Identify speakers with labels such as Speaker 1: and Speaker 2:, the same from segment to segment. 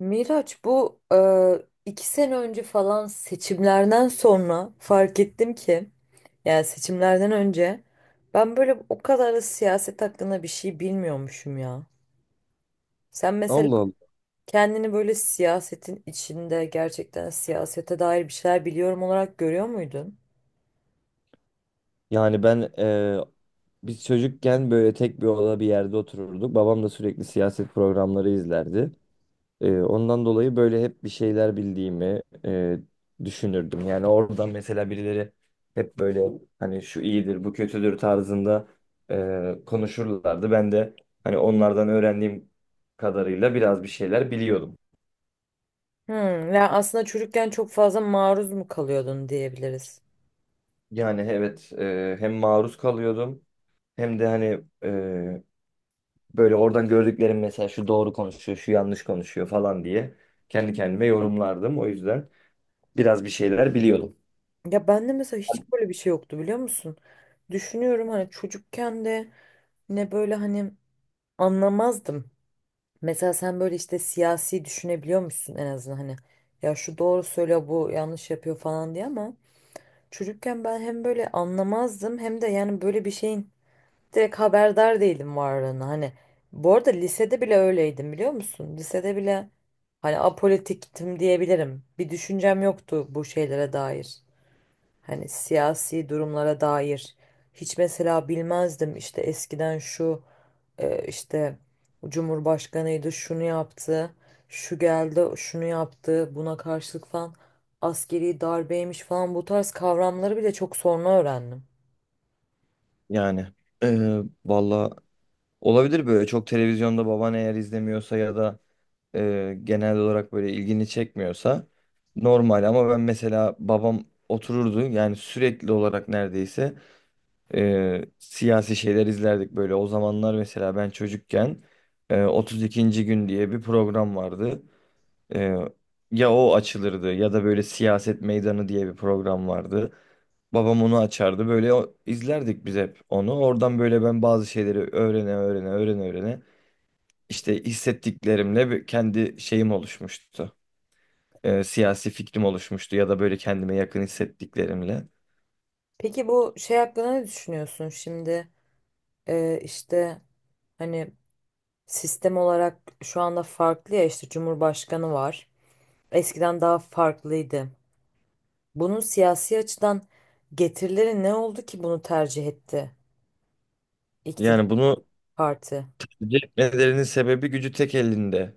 Speaker 1: Miraç, bu iki sene önce falan seçimlerden sonra fark ettim ki yani seçimlerden önce ben böyle o kadar da siyaset hakkında bir şey bilmiyormuşum ya. Sen mesela
Speaker 2: Allah Allah.
Speaker 1: kendini böyle siyasetin içinde gerçekten siyasete dair bir şeyler biliyorum olarak görüyor muydun?
Speaker 2: Yani biz çocukken böyle tek bir oda bir yerde otururduk. Babam da sürekli siyaset programları izlerdi. Ondan dolayı böyle hep bir şeyler bildiğimi düşünürdüm. Yani oradan mesela birileri hep böyle hani şu iyidir, bu kötüdür tarzında konuşurlardı. Ben de hani onlardan öğrendiğim kadarıyla biraz bir şeyler biliyordum.
Speaker 1: Hmm, yani aslında çocukken çok fazla maruz mu kalıyordun diyebiliriz.
Speaker 2: Yani evet, hem maruz kalıyordum hem de hani, böyle oradan gördüklerim mesela şu doğru konuşuyor, şu yanlış konuşuyor falan diye kendi kendime yorumlardım. O yüzden biraz bir şeyler biliyordum.
Speaker 1: Ya bende mesela hiç böyle bir şey yoktu biliyor musun? Düşünüyorum, hani çocukken de ne böyle hani anlamazdım. Mesela sen böyle işte siyasi düşünebiliyor musun en azından, hani ya şu doğru söylüyor bu yanlış yapıyor falan diye, ama çocukken ben hem böyle anlamazdım hem de yani böyle bir şeyin direkt haberdar değilim varlığına hani. Bu arada lisede bile öyleydim biliyor musun? Lisede bile hani apolitiktim diyebilirim. Bir düşüncem yoktu bu şeylere dair. Hani siyasi durumlara dair hiç mesela bilmezdim, işte eskiden şu işte Cumhurbaşkanıydı şunu yaptı, şu geldi şunu yaptı buna karşılık falan, askeri darbeymiş falan, bu tarz kavramları bile çok sonra öğrendim.
Speaker 2: Yani valla olabilir böyle çok televizyonda baban eğer izlemiyorsa ya da genel olarak böyle ilgini çekmiyorsa normal, ama ben mesela babam otururdu yani sürekli olarak neredeyse siyasi şeyler izlerdik böyle o zamanlar mesela ben çocukken, 32. gün diye bir program vardı. Ee, Ya o açılırdı ya da böyle siyaset meydanı diye bir program vardı. Babam onu açardı. Böyle izlerdik biz hep onu. Oradan böyle ben bazı şeyleri öğrene öğrene işte hissettiklerimle kendi şeyim oluşmuştu. Siyasi fikrim oluşmuştu ya da böyle kendime yakın hissettiklerimle.
Speaker 1: Peki bu şey hakkında ne düşünüyorsun şimdi, işte hani sistem olarak şu anda farklı ya, işte Cumhurbaşkanı var. Eskiden daha farklıydı. Bunun siyasi açıdan getirileri ne oldu ki bunu tercih etti iktidar
Speaker 2: Yani bunu
Speaker 1: parti?
Speaker 2: cezbetmelerinin sebebi gücü tek elinde.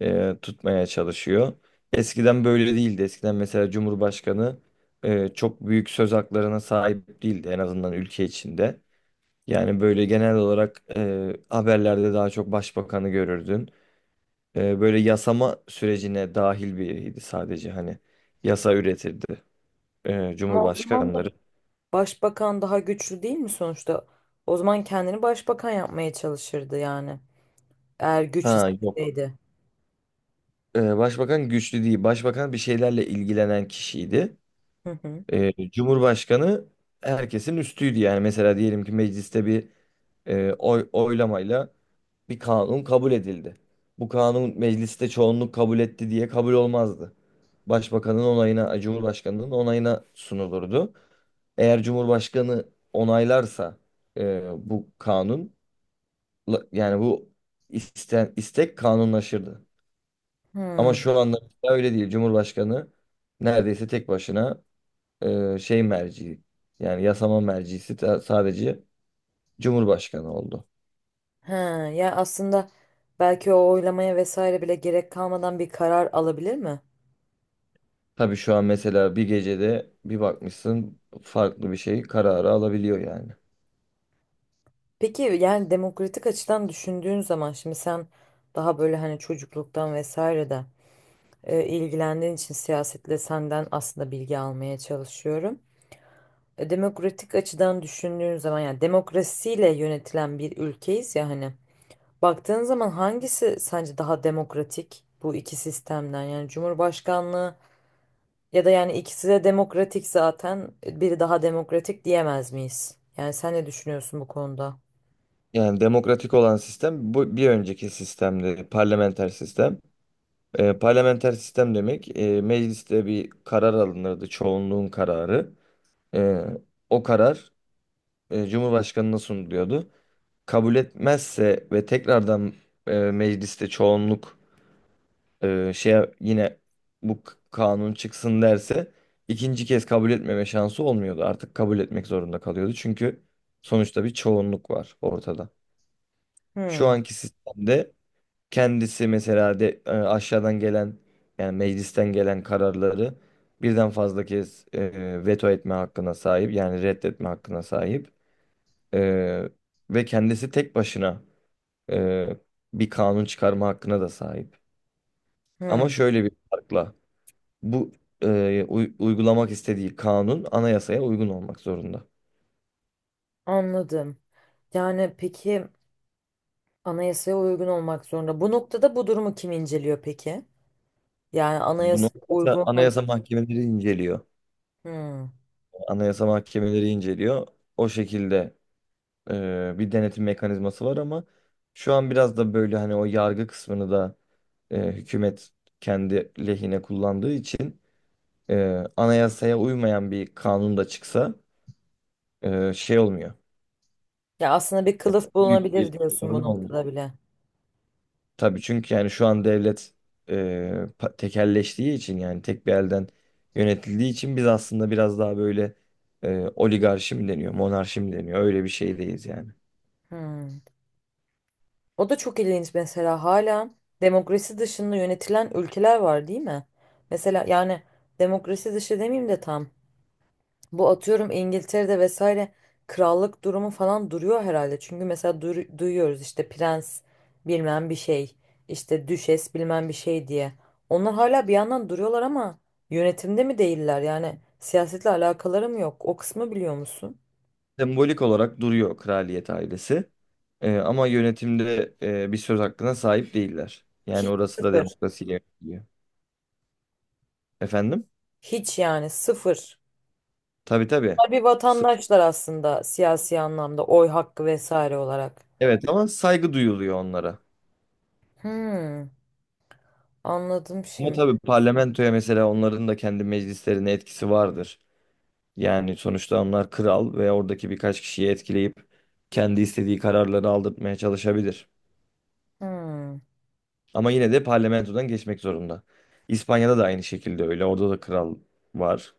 Speaker 2: e, tutmaya çalışıyor. Eskiden böyle değildi. Eskiden mesela Cumhurbaşkanı çok büyük söz haklarına sahip değildi, en azından ülke içinde. Yani böyle genel olarak haberlerde daha çok başbakanı görürdün. Böyle yasama sürecine dahil biriydi, sadece hani yasa üretirdi
Speaker 1: Ama o zaman da
Speaker 2: Cumhurbaşkanları.
Speaker 1: başbakan daha güçlü değil mi sonuçta? O zaman kendini başbakan yapmaya çalışırdı yani. Eğer güç
Speaker 2: Ha yok.
Speaker 1: isteseydi.
Speaker 2: Başbakan güçlü değil. Başbakan bir şeylerle ilgilenen kişiydi.
Speaker 1: Hı hı.
Speaker 2: Cumhurbaşkanı herkesin üstüydü, yani mesela diyelim ki mecliste bir oylamayla bir kanun kabul edildi. Bu kanun mecliste çoğunluk kabul etti diye kabul olmazdı. Başbakanın onayına, Cumhurbaşkanının onayına sunulurdu. Eğer Cumhurbaşkanı onaylarsa bu yani bu istek kanunlaşırdı. Ama
Speaker 1: Hı.
Speaker 2: şu anda öyle değil. Cumhurbaşkanı neredeyse tek başına merci, yani yasama mercisi sadece Cumhurbaşkanı oldu.
Speaker 1: He, ya aslında belki o oylamaya vesaire bile gerek kalmadan bir karar alabilir mi?
Speaker 2: Tabii şu an mesela bir gecede bir bakmışsın farklı bir şey kararı alabiliyor yani.
Speaker 1: Peki yani demokratik açıdan düşündüğün zaman şimdi sen daha böyle hani çocukluktan vesaire de ilgilendiğin için siyasetle, senden aslında bilgi almaya çalışıyorum. E, demokratik açıdan düşündüğün zaman yani demokrasiyle yönetilen bir ülkeyiz ya hani, baktığın zaman hangisi sence daha demokratik bu iki sistemden, yani Cumhurbaşkanlığı ya da, yani ikisi de demokratik zaten, biri daha demokratik diyemez miyiz? Yani sen ne düşünüyorsun bu konuda?
Speaker 2: Yani demokratik olan sistem, bu bir önceki sistemde parlamenter sistem. Parlamenter sistem demek, mecliste bir karar alınırdı, çoğunluğun kararı. Ee, O karar Cumhurbaşkanına sunuluyordu. Kabul etmezse ve tekrardan mecliste çoğunluk e, şeye yine bu kanun çıksın derse, ikinci kez kabul etmeme şansı olmuyordu. Artık kabul etmek zorunda kalıyordu. Çünkü sonuçta bir çoğunluk var ortada. Şu
Speaker 1: Hmm.
Speaker 2: anki sistemde kendisi mesela de aşağıdan gelen, yani meclisten gelen kararları birden fazla kez veto etme hakkına sahip, yani reddetme hakkına sahip. E, Ve kendisi tek başına e, bir kanun çıkarma hakkına da sahip. Ama
Speaker 1: Hmm,
Speaker 2: şöyle bir farkla: bu uygulamak istediği kanun anayasaya uygun olmak zorunda.
Speaker 1: anladım. Yani peki anayasaya uygun olmak zorunda. Bu noktada bu durumu kim inceliyor peki? Yani
Speaker 2: Bunu
Speaker 1: anayasaya uygun hareket.
Speaker 2: anayasa mahkemeleri inceliyor.
Speaker 1: Hmm.
Speaker 2: Anayasa mahkemeleri inceliyor. O şekilde bir denetim mekanizması var, ama şu an biraz da böyle hani o yargı kısmını da hükümet kendi lehine kullandığı için, anayasaya uymayan bir kanun da çıksa, şey olmuyor.
Speaker 1: Ya aslında bir
Speaker 2: Yani
Speaker 1: kılıf
Speaker 2: büyük
Speaker 1: bulunabilir
Speaker 2: bir
Speaker 1: diyorsun bu
Speaker 2: sorun olmuyor.
Speaker 1: noktada bile.
Speaker 2: Tabii çünkü yani şu an devlet e, tekelleştiği için, yani tek bir elden yönetildiği için biz aslında biraz daha böyle, oligarşi mi deniyor, monarşi mi deniyor, öyle bir şeydeyiz yani.
Speaker 1: Hmm. O da çok ilginç mesela, hala demokrasi dışında yönetilen ülkeler var değil mi? Mesela yani demokrasi dışı demeyeyim de tam. Bu, atıyorum, İngiltere'de vesaire krallık durumu falan duruyor herhalde. Çünkü mesela duyuyoruz işte prens bilmem bir şey, işte düşes bilmem bir şey diye. Onlar hala bir yandan duruyorlar ama yönetimde mi değiller? Yani siyasetle alakaları mı yok? O kısmı biliyor musun?
Speaker 2: Sembolik olarak duruyor kraliyet ailesi. Ama yönetimde bir söz hakkına sahip değiller. Yani
Speaker 1: Hiç,
Speaker 2: orası da
Speaker 1: sıfır.
Speaker 2: demokrasiyle yönetiliyor. Efendim?
Speaker 1: Hiç, yani sıfır.
Speaker 2: Tabii tabii.
Speaker 1: Bunlar bir
Speaker 2: S-
Speaker 1: vatandaşlar aslında siyasi anlamda, oy hakkı vesaire olarak.
Speaker 2: Evet, ama saygı duyuluyor onlara.
Speaker 1: Hmm, anladım
Speaker 2: Ama
Speaker 1: şimdi.
Speaker 2: tabii parlamentoya mesela, onların da kendi meclislerine etkisi vardır. Yani sonuçta onlar kral ve oradaki birkaç kişiyi etkileyip kendi istediği kararları aldırtmaya çalışabilir.
Speaker 1: Hmm.
Speaker 2: Ama yine de parlamentodan geçmek zorunda. İspanya'da da aynı şekilde öyle. Orada da kral var.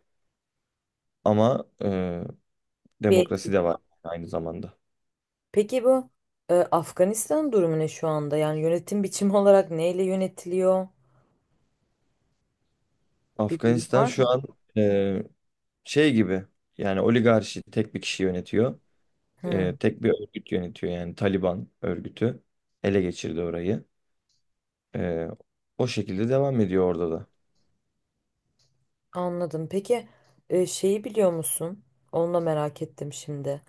Speaker 2: Ama
Speaker 1: Bir,
Speaker 2: demokrasi de var aynı zamanda.
Speaker 1: peki bu Afganistan durumu ne şu anda? Yani yönetim biçimi olarak neyle yönetiliyor? Bir bilgi
Speaker 2: Afganistan
Speaker 1: var
Speaker 2: şu
Speaker 1: mı?
Speaker 2: an e, şey gibi, yani oligarşi, tek bir kişi yönetiyor.
Speaker 1: Hı,
Speaker 2: Tek bir örgüt yönetiyor, yani Taliban örgütü ele geçirdi orayı. Ee, O şekilde devam ediyor orada da.
Speaker 1: anladım. Peki şeyi biliyor musun? Onu da merak ettim şimdi.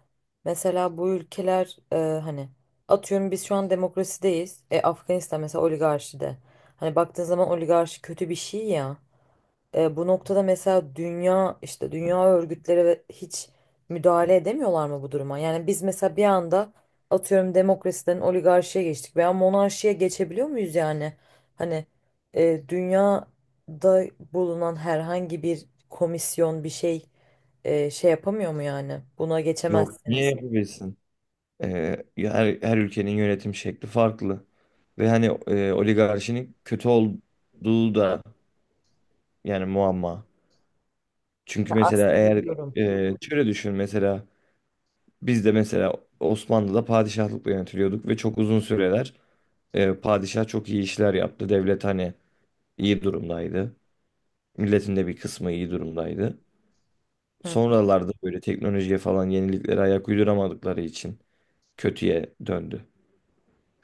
Speaker 1: Mesela bu ülkeler, hani atıyorum biz şu an demokrasideyiz. E, Afganistan mesela oligarşide. Hani baktığın zaman oligarşi kötü bir şey ya. E, bu noktada mesela dünya, işte dünya örgütleri ve hiç müdahale edemiyorlar mı bu duruma? Yani biz mesela bir anda, atıyorum, demokrasiden oligarşiye geçtik veya monarşiye geçebiliyor muyuz yani? Hani dünyada bulunan herhangi bir komisyon bir şey şey yapamıyor mu yani? Buna
Speaker 2: Yok, niye
Speaker 1: geçemezsiniz.
Speaker 2: yapabilsin? Ya her ülkenin yönetim şekli farklı. Ve hani, oligarşinin kötü olduğu da yani muamma. Çünkü mesela
Speaker 1: Aslında biliyorum.
Speaker 2: şöyle düşün, mesela biz de mesela Osmanlı'da padişahlıkla yönetiliyorduk ve çok uzun süreler, padişah çok iyi işler yaptı. Devlet hani iyi durumdaydı. Milletin de bir kısmı iyi durumdaydı.
Speaker 1: Hı.
Speaker 2: Sonralarda böyle teknolojiye falan yeniliklere ayak uyduramadıkları için kötüye döndü.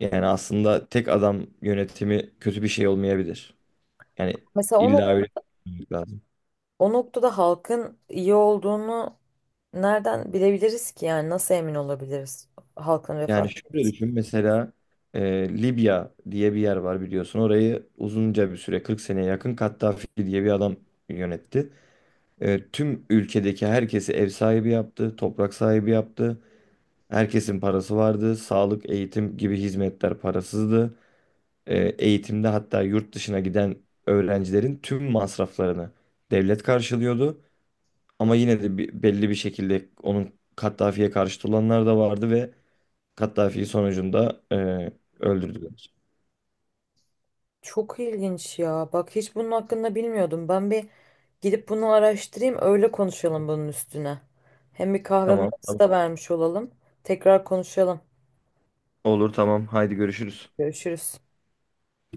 Speaker 2: Yani aslında tek adam yönetimi kötü bir şey olmayabilir. Yani
Speaker 1: Mesela
Speaker 2: illa
Speaker 1: onu,
Speaker 2: öyle düşünmek lazım.
Speaker 1: o noktada halkın iyi olduğunu nereden bilebiliriz ki, yani nasıl emin olabiliriz halkın refah
Speaker 2: Yani şöyle
Speaker 1: seviyesi?
Speaker 2: düşün, mesela Libya diye bir yer var, biliyorsun. Orayı uzunca bir süre 40 seneye yakın Kaddafi diye bir adam yönetti. Tüm ülkedeki herkesi ev sahibi yaptı, toprak sahibi yaptı. Herkesin parası vardı. Sağlık, eğitim gibi hizmetler parasızdı. Eğitimde hatta yurt dışına giden öğrencilerin tüm masraflarını devlet karşılıyordu. Ama yine de belli bir şekilde onun, Kaddafi'ye karşıt olanlar da vardı ve Kaddafi'yi sonucunda öldürdüler.
Speaker 1: Çok ilginç ya. Bak hiç bunun hakkında bilmiyordum. Ben bir gidip bunu araştırayım, öyle konuşalım bunun üstüne. Hem bir kahve
Speaker 2: Tamam,
Speaker 1: molası
Speaker 2: tamam.
Speaker 1: da vermiş olalım. Tekrar konuşalım.
Speaker 2: Olur, tamam. Haydi görüşürüz.
Speaker 1: Görüşürüz.